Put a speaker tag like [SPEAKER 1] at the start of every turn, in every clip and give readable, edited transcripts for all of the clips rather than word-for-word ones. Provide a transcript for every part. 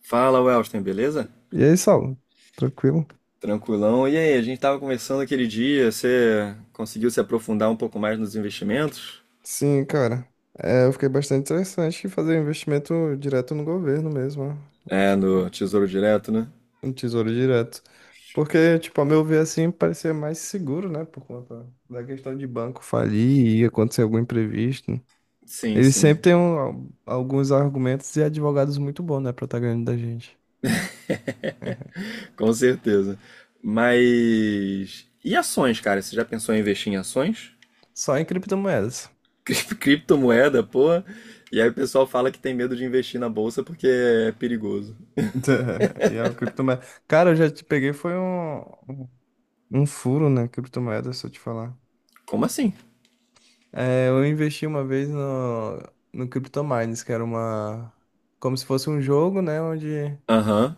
[SPEAKER 1] Fala, Welston, beleza?
[SPEAKER 2] E aí, Saulo? Tranquilo?
[SPEAKER 1] Tranquilão. E aí, a gente tava conversando aquele dia, você conseguiu se aprofundar um pouco mais nos investimentos?
[SPEAKER 2] Sim, cara. É, eu fiquei bastante interessante em fazer um investimento direto no governo mesmo, ó.
[SPEAKER 1] É, no
[SPEAKER 2] Tipo,
[SPEAKER 1] Tesouro Direto, né?
[SPEAKER 2] um Tesouro Direto. Porque, tipo, a meu ver, assim, parecia mais seguro, né? Por conta da questão de banco falir e acontecer algum imprevisto.
[SPEAKER 1] Sim,
[SPEAKER 2] Eles
[SPEAKER 1] sim,
[SPEAKER 2] sempre têm alguns argumentos e advogados muito bons, né? Pra tá ganhando da gente.
[SPEAKER 1] com certeza. Mas. E ações, cara? Você já pensou em investir em ações?
[SPEAKER 2] Só em criptomoedas.
[SPEAKER 1] Criptomoeda, porra. E aí o pessoal fala que tem medo de investir na bolsa porque é perigoso.
[SPEAKER 2] E a criptomoeda. Cara, eu já te peguei, foi um furo, né? Criptomoeda, se eu te falar.
[SPEAKER 1] Como assim?
[SPEAKER 2] É, eu investi uma vez no CryptoMines, que era uma. Como se fosse um jogo, né? Onde
[SPEAKER 1] Aham,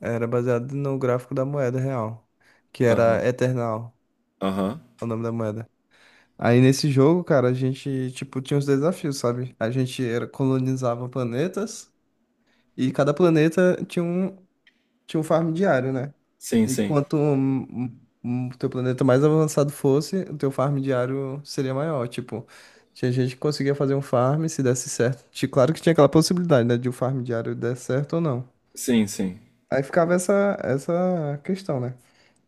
[SPEAKER 2] era baseado no gráfico da moeda real, que
[SPEAKER 1] aham,
[SPEAKER 2] era Eternal,
[SPEAKER 1] aham.
[SPEAKER 2] o nome da moeda. Aí nesse jogo, cara, a gente, tipo, tinha uns desafios, sabe? A gente colonizava planetas e cada planeta tinha um farm diário, né?
[SPEAKER 1] Sim,
[SPEAKER 2] E
[SPEAKER 1] sim.
[SPEAKER 2] quanto o teu planeta mais avançado fosse, o teu farm diário seria maior. Tipo, tinha gente que conseguia fazer um farm se desse certo. Claro que tinha aquela possibilidade, né? De o farm diário der certo ou não.
[SPEAKER 1] Sim, sim.
[SPEAKER 2] Aí ficava essa questão, né?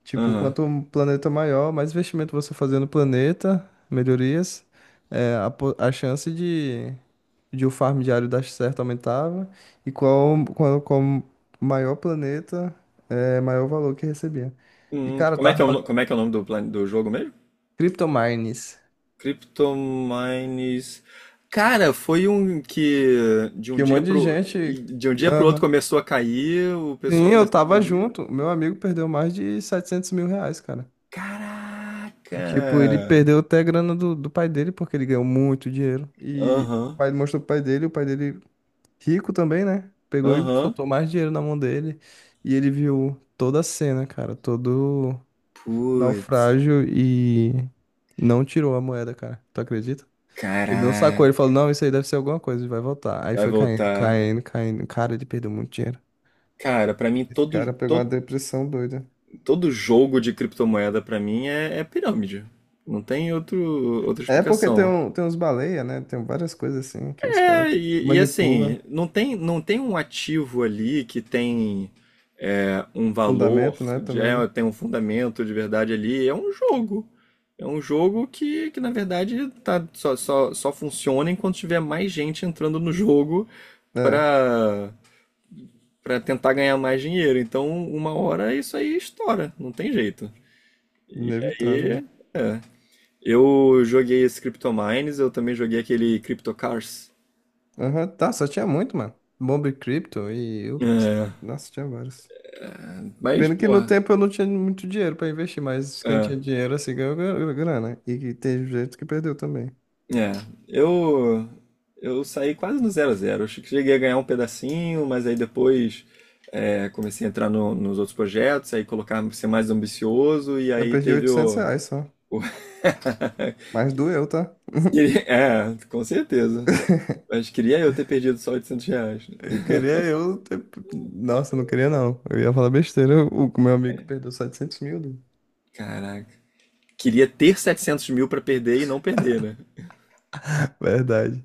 [SPEAKER 2] Tipo,
[SPEAKER 1] Aham.
[SPEAKER 2] quanto um planeta maior, mais investimento você fazer no planeta, melhorias, a chance de o farm diário dar certo aumentava e qual maior planeta é maior valor que recebia. E cara, eu
[SPEAKER 1] Como é que
[SPEAKER 2] tava
[SPEAKER 1] é o, no-
[SPEAKER 2] pagando
[SPEAKER 1] como é que é o nome do jogo mesmo?
[SPEAKER 2] Cryptomines,
[SPEAKER 1] Cryptomines. Cara, foi um que de um
[SPEAKER 2] que um
[SPEAKER 1] dia
[SPEAKER 2] monte de
[SPEAKER 1] pro
[SPEAKER 2] gente.
[SPEAKER 1] de um dia pro outro
[SPEAKER 2] Aham.
[SPEAKER 1] começou a cair, o
[SPEAKER 2] Sim,
[SPEAKER 1] pessoal
[SPEAKER 2] eu
[SPEAKER 1] começou a
[SPEAKER 2] tava
[SPEAKER 1] vender.
[SPEAKER 2] junto. Meu amigo perdeu mais de 700 mil reais, cara. E
[SPEAKER 1] Caraca!
[SPEAKER 2] tipo, ele perdeu até a grana do pai dele, porque ele ganhou muito dinheiro. E o
[SPEAKER 1] Aham,
[SPEAKER 2] pai mostrou pro pai dele, o pai dele rico também, né? Pegou e
[SPEAKER 1] aham.
[SPEAKER 2] soltou mais dinheiro na mão dele. E ele viu toda a cena, cara, todo
[SPEAKER 1] Putz,
[SPEAKER 2] naufrágio e não tirou a moeda, cara. Tu acredita? Ele não sacou, ele
[SPEAKER 1] caraca.
[SPEAKER 2] falou, não, isso aí deve ser alguma coisa, e vai voltar. Aí
[SPEAKER 1] Vai
[SPEAKER 2] foi caindo,
[SPEAKER 1] voltar.
[SPEAKER 2] caindo, caindo. Cara, ele perdeu muito dinheiro.
[SPEAKER 1] Cara, pra mim
[SPEAKER 2] Esse
[SPEAKER 1] todo,
[SPEAKER 2] cara pegou uma
[SPEAKER 1] todo
[SPEAKER 2] depressão doida.
[SPEAKER 1] todo jogo de criptomoeda pra mim é pirâmide. Não tem outro outra
[SPEAKER 2] É porque
[SPEAKER 1] explicação.
[SPEAKER 2] tem uns baleia, né? Tem várias coisas assim que os
[SPEAKER 1] É,
[SPEAKER 2] caras
[SPEAKER 1] e
[SPEAKER 2] manipulam.
[SPEAKER 1] assim, não tem um ativo ali que tem um valor,
[SPEAKER 2] Fundamento, né? Também
[SPEAKER 1] tem um fundamento de verdade ali. É um jogo. É um jogo que na verdade, tá, só funciona enquanto tiver mais gente entrando no jogo
[SPEAKER 2] é
[SPEAKER 1] para para tentar ganhar mais dinheiro. Então, uma hora isso aí estoura, não tem jeito. E
[SPEAKER 2] inevitável, né?
[SPEAKER 1] aí, é. Eu joguei esse Cryptomines, eu também joguei aquele Cryptocars.
[SPEAKER 2] Aham. Tá, só tinha muito, mano. Bomb Crypto
[SPEAKER 1] É,
[SPEAKER 2] Nossa, tinha vários.
[SPEAKER 1] mas,
[SPEAKER 2] Pena que
[SPEAKER 1] pô.
[SPEAKER 2] no tempo eu não tinha muito dinheiro pra investir, mas quem
[SPEAKER 1] É,
[SPEAKER 2] tinha dinheiro assim ganhou grana. E que tem gente que perdeu também.
[SPEAKER 1] é. Eu, eu saí quase no zero a 0. Acho que cheguei a ganhar um pedacinho, mas aí depois comecei a entrar nos outros projetos, aí colocar ser mais ambicioso, e
[SPEAKER 2] Eu
[SPEAKER 1] aí
[SPEAKER 2] perdi
[SPEAKER 1] teve
[SPEAKER 2] 800 reais só.
[SPEAKER 1] o-
[SPEAKER 2] Mas doeu, tá?
[SPEAKER 1] É, com certeza. Mas queria eu ter perdido só R$ 800, né?
[SPEAKER 2] Eu queria eu. Ter- Nossa, eu não queria não. Eu ia falar besteira. O meu amigo perdeu 700 mil, né?
[SPEAKER 1] Caraca. Queria ter 700 mil pra perder e não perder, né?
[SPEAKER 2] Verdade.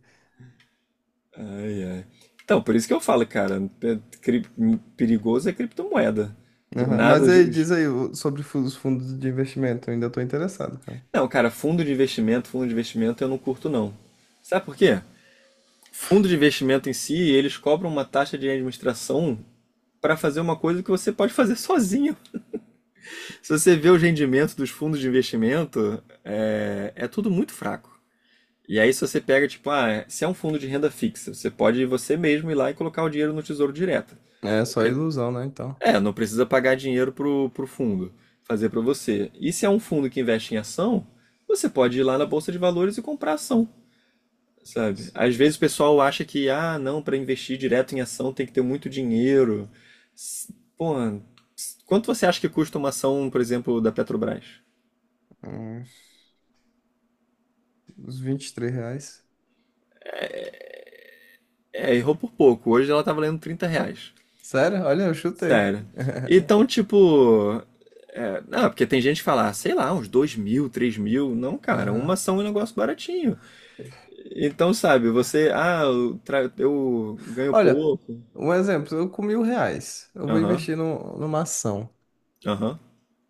[SPEAKER 1] Ai, ai. Então, por isso que eu falo, cara, perigoso é criptomoeda. Do
[SPEAKER 2] Aham.
[SPEAKER 1] nada,
[SPEAKER 2] Mas
[SPEAKER 1] os
[SPEAKER 2] aí, diz aí os fundos de investimento. Eu ainda tô interessado, cara.
[SPEAKER 1] não, cara, fundo de investimento eu não curto não. Sabe por quê? Fundo de investimento em si, eles cobram uma taxa de administração para fazer uma coisa que você pode fazer sozinho. Se você vê os rendimentos dos fundos de investimento, é tudo muito fraco. E aí, se você pega, tipo, ah, se é um fundo de renda fixa, você pode você mesmo ir lá e colocar o dinheiro no Tesouro Direto.
[SPEAKER 2] É só ilusão, né? Então.
[SPEAKER 1] É, não precisa pagar dinheiro pro fundo fazer para você. E se é um fundo que investe em ação, você pode ir lá na Bolsa de Valores e comprar ação. Sabe? Às vezes o pessoal acha que, ah, não, para investir direto em ação tem que ter muito dinheiro. Pô, quanto você acha que custa uma ação, por exemplo, da Petrobras?
[SPEAKER 2] Uns uns 23 reais.
[SPEAKER 1] É, errou por pouco. Hoje ela tá valendo R$ 30.
[SPEAKER 2] Sério? Olha, eu chutei.
[SPEAKER 1] Sério. Então, tipo. É, não, porque tem gente que fala, ah, sei lá, uns 2 mil, 3 mil. Não, cara, uma
[SPEAKER 2] Aham.
[SPEAKER 1] ação é um negócio baratinho. Então, sabe, você. Ah, eu ganho
[SPEAKER 2] Olha,
[SPEAKER 1] pouco.
[SPEAKER 2] um exemplo, eu com 1.000 reais, eu vou
[SPEAKER 1] Aham,
[SPEAKER 2] investir numa ação.
[SPEAKER 1] aham.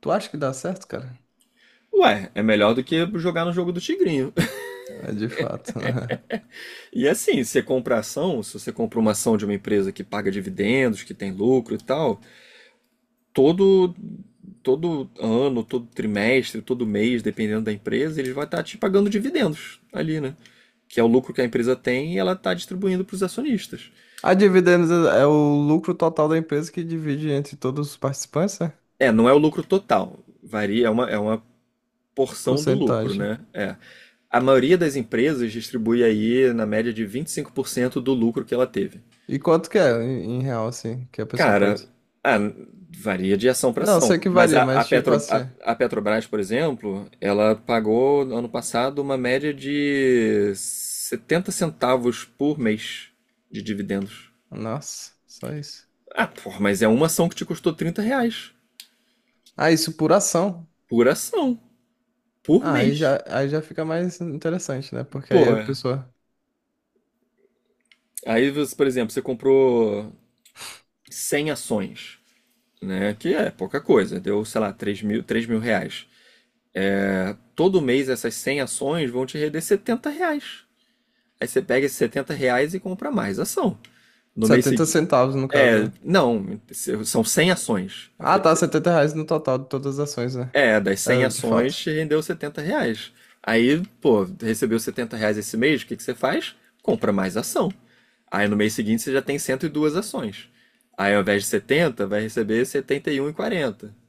[SPEAKER 2] Tu acha que dá certo, cara?
[SPEAKER 1] Ué, é melhor do que jogar no jogo do Tigrinho.
[SPEAKER 2] É de fato.
[SPEAKER 1] E assim, você compra ação, se você compra uma ação de uma empresa que paga dividendos, que tem lucro e tal, todo todo ano, todo trimestre, todo mês, dependendo da empresa, eles vão estar te pagando dividendos ali, né? Que é o lucro que a empresa tem e ela está distribuindo para os acionistas.
[SPEAKER 2] A dividendos é o lucro total da empresa que divide entre todos os participantes, né?
[SPEAKER 1] É, não é o lucro total, varia, é uma porção do lucro,
[SPEAKER 2] Porcentagem.
[SPEAKER 1] né? É. A maioria das empresas distribui aí na média de 25% do lucro que ela teve.
[SPEAKER 2] E quanto que é em real, assim, que a pessoa
[SPEAKER 1] Cara,
[SPEAKER 2] pode...
[SPEAKER 1] ah, varia de ação para
[SPEAKER 2] Não, eu sei
[SPEAKER 1] ação.
[SPEAKER 2] que
[SPEAKER 1] Mas
[SPEAKER 2] varia,
[SPEAKER 1] a, a
[SPEAKER 2] mas tipo
[SPEAKER 1] Petro, a,
[SPEAKER 2] assim...
[SPEAKER 1] a Petrobras, por exemplo, ela pagou no ano passado uma média de R$ 0,70 por mês de dividendos.
[SPEAKER 2] Nossa, só isso.
[SPEAKER 1] Ah, porra, mas é uma ação que te custou R$ 30
[SPEAKER 2] Ah, isso por ação.
[SPEAKER 1] por ação, por
[SPEAKER 2] Ah,
[SPEAKER 1] mês.
[SPEAKER 2] aí já fica mais interessante, né? Porque
[SPEAKER 1] Pô,
[SPEAKER 2] aí a pessoa...
[SPEAKER 1] aí, você, por exemplo, você comprou 100 ações, né? Que é pouca coisa, deu, sei lá, R$ 3.000. É, todo mês essas 100 ações vão te render R$ 70. Aí você pega esses R$ 70 e compra mais ação. No mês
[SPEAKER 2] setenta
[SPEAKER 1] seguinte.
[SPEAKER 2] centavos, no caso,
[SPEAKER 1] É,
[SPEAKER 2] né?
[SPEAKER 1] não, são 100 ações. Eu
[SPEAKER 2] Ah,
[SPEAKER 1] falei,
[SPEAKER 2] tá,
[SPEAKER 1] assim,
[SPEAKER 2] 70 reais no total de todas as ações, né?
[SPEAKER 1] das cem
[SPEAKER 2] É, de fato.
[SPEAKER 1] ações rendeu R$ 70. Aí, pô, recebeu R$ 70 esse mês, o que que você faz? Compra mais ação. Aí no mês seguinte você já tem 102 ações. Aí ao invés de 70 vai receber 71,40. E um e quarenta.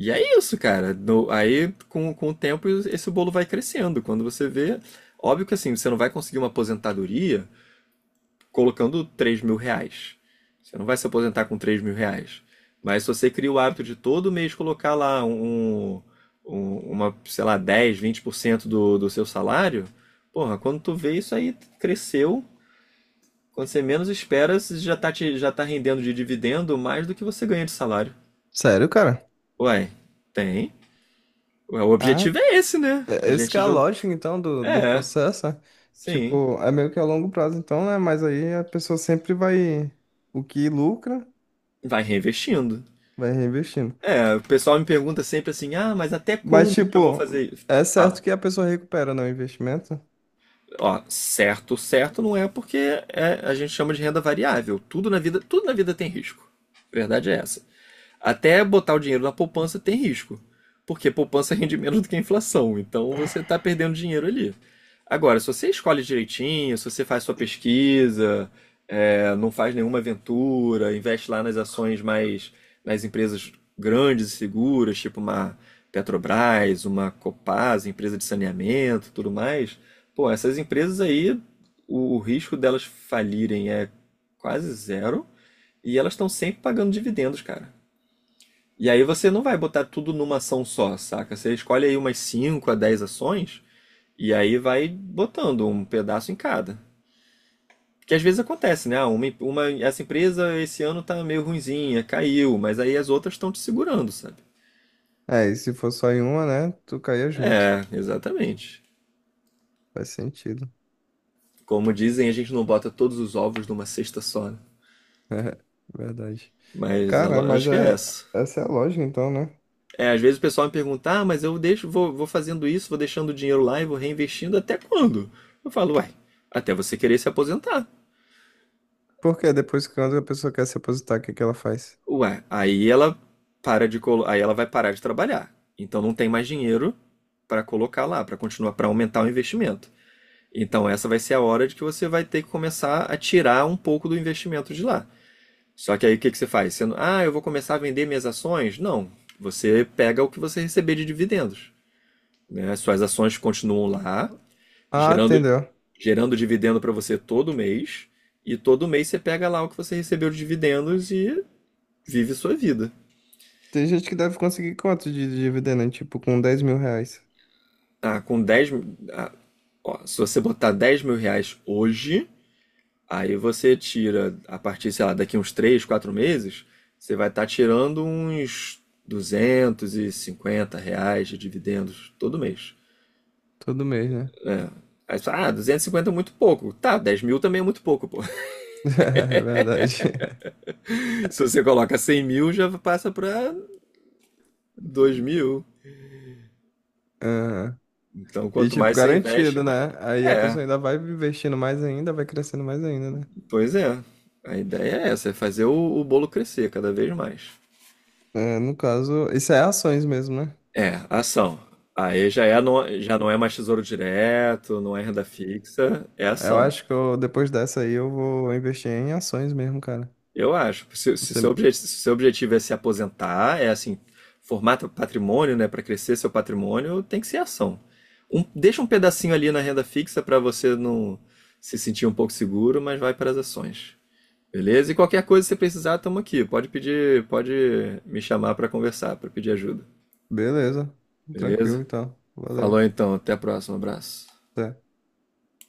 [SPEAKER 1] E é isso, cara. Aí com o tempo esse bolo vai crescendo. Quando você vê, óbvio que assim, você não vai conseguir uma aposentadoria colocando R$ 3.000. Você não vai se aposentar com R$ 3.000. Mas se você cria o hábito de todo mês colocar lá uma, sei lá, dez, vinte por cento do seu salário, porra, quando tu vê isso aí cresceu, quando você menos espera, você já tá rendendo de dividendo mais do que você ganha de salário.
[SPEAKER 2] Sério, cara?
[SPEAKER 1] Ué, tem. Ué, o
[SPEAKER 2] Ah,
[SPEAKER 1] objetivo é esse, né? A
[SPEAKER 2] esse que é
[SPEAKER 1] gente
[SPEAKER 2] a
[SPEAKER 1] jun-.
[SPEAKER 2] lógica, então, do
[SPEAKER 1] É,
[SPEAKER 2] processo, né?
[SPEAKER 1] sim.
[SPEAKER 2] Tipo, é meio que a longo prazo, então, né? Mas aí a pessoa sempre vai. O que lucra,
[SPEAKER 1] Vai reinvestindo.
[SPEAKER 2] vai reinvestindo.
[SPEAKER 1] É, o pessoal me pergunta sempre assim, ah, mas até
[SPEAKER 2] Mas,
[SPEAKER 1] quando que eu vou
[SPEAKER 2] tipo,
[SPEAKER 1] fazer isso?
[SPEAKER 2] é certo
[SPEAKER 1] Fala.
[SPEAKER 2] que a pessoa recupera no investimento.
[SPEAKER 1] Ó, certo, certo não é porque a gente chama de renda variável. Tudo na vida tem risco. Verdade é essa. Até botar o dinheiro na poupança tem risco, porque poupança rende menos do que a inflação, então você está perdendo dinheiro ali. Agora, se você escolhe direitinho, se você faz sua pesquisa, não faz nenhuma aventura, investe lá nas ações mais, nas empresas grandes e seguras, tipo uma Petrobras, uma Copasa, empresa de saneamento, tudo mais, pô, essas empresas aí, o risco delas falirem é quase zero e elas estão sempre pagando dividendos, cara. E aí você não vai botar tudo numa ação só, saca? Você escolhe aí umas 5 a 10 ações e aí vai botando um pedaço em cada. Que às vezes acontece, né? Ah, essa empresa esse ano tá meio ruinzinha, caiu, mas aí as outras estão te segurando, sabe?
[SPEAKER 2] É, e se for só em uma, né? Tu caía junto.
[SPEAKER 1] É, exatamente.
[SPEAKER 2] Faz sentido.
[SPEAKER 1] Como dizem, a gente não bota todos os ovos numa cesta só, né?
[SPEAKER 2] É, verdade.
[SPEAKER 1] Mas
[SPEAKER 2] Cara, mas
[SPEAKER 1] acho que é
[SPEAKER 2] é,
[SPEAKER 1] essa.
[SPEAKER 2] essa é a lógica, então, né?
[SPEAKER 1] É, às vezes o pessoal me pergunta, ah, mas eu deixo, vou fazendo isso, vou deixando o dinheiro lá e vou reinvestindo até quando? Eu falo, uai, até você querer se aposentar.
[SPEAKER 2] Porque depois, quando a pessoa quer se aposentar, o que que ela faz?
[SPEAKER 1] Ué, aí ela vai parar de trabalhar. Então não tem mais dinheiro para colocar lá, para continuar, para aumentar o investimento. Então essa vai ser a hora de que você vai ter que começar a tirar um pouco do investimento de lá. Só que aí o que que você faz? Você não, ah, eu vou começar a vender minhas ações? Não. Você pega o que você receber de dividendos, né? As suas ações continuam lá,
[SPEAKER 2] Ah,
[SPEAKER 1] gerando
[SPEAKER 2] entendeu.
[SPEAKER 1] gerando dividendo para você todo mês, e todo mês você pega lá o que você recebeu de dividendos e vive sua vida.
[SPEAKER 2] Tem gente que deve conseguir quanto de dívida, né? Tipo, com 10.000 reais
[SPEAKER 1] Ah, ó, se você botar R$ 10.000 hoje, aí você tira, a partir, sei lá, daqui uns 3 4 meses, você vai estar tirando uns R$ 250 de dividendos todo mês.
[SPEAKER 2] todo mês, né?
[SPEAKER 1] Aí você fala, ah, 250 é muito pouco. Tá, 10 mil também é muito pouco, pô.
[SPEAKER 2] É verdade.
[SPEAKER 1] Se você coloca 100.000, já passa para 2.000.
[SPEAKER 2] Aham.
[SPEAKER 1] Então,
[SPEAKER 2] E,
[SPEAKER 1] quanto
[SPEAKER 2] tipo,
[SPEAKER 1] mais você investe,
[SPEAKER 2] garantido,
[SPEAKER 1] mais.
[SPEAKER 2] né? Aí a
[SPEAKER 1] É,
[SPEAKER 2] pessoa ainda vai investindo mais ainda, vai crescendo mais ainda, né?
[SPEAKER 1] pois é. A ideia é essa, é fazer o bolo crescer cada vez mais.
[SPEAKER 2] É, no caso, isso é ações mesmo, né?
[SPEAKER 1] É, ação. Aí já é, não, já não é mais tesouro direto, não é renda fixa, é
[SPEAKER 2] Eu
[SPEAKER 1] ação.
[SPEAKER 2] acho que eu, depois dessa aí eu vou investir em ações mesmo, cara.
[SPEAKER 1] Eu acho. Se, se, seu,
[SPEAKER 2] Você...
[SPEAKER 1] obje- se seu objetivo é se aposentar, é assim, formar teu patrimônio, né, para crescer seu patrimônio, tem que ser ação. Deixa um pedacinho ali na renda fixa para você não se sentir um pouco seguro, mas vai para as ações. Beleza? E qualquer coisa que você precisar, estamos aqui. Pode pedir, pode me chamar para conversar, para pedir ajuda.
[SPEAKER 2] Beleza. Tranquilo,
[SPEAKER 1] Beleza?
[SPEAKER 2] então.
[SPEAKER 1] Falou
[SPEAKER 2] Valeu.
[SPEAKER 1] então, até a próxima, abraço.
[SPEAKER 2] Até.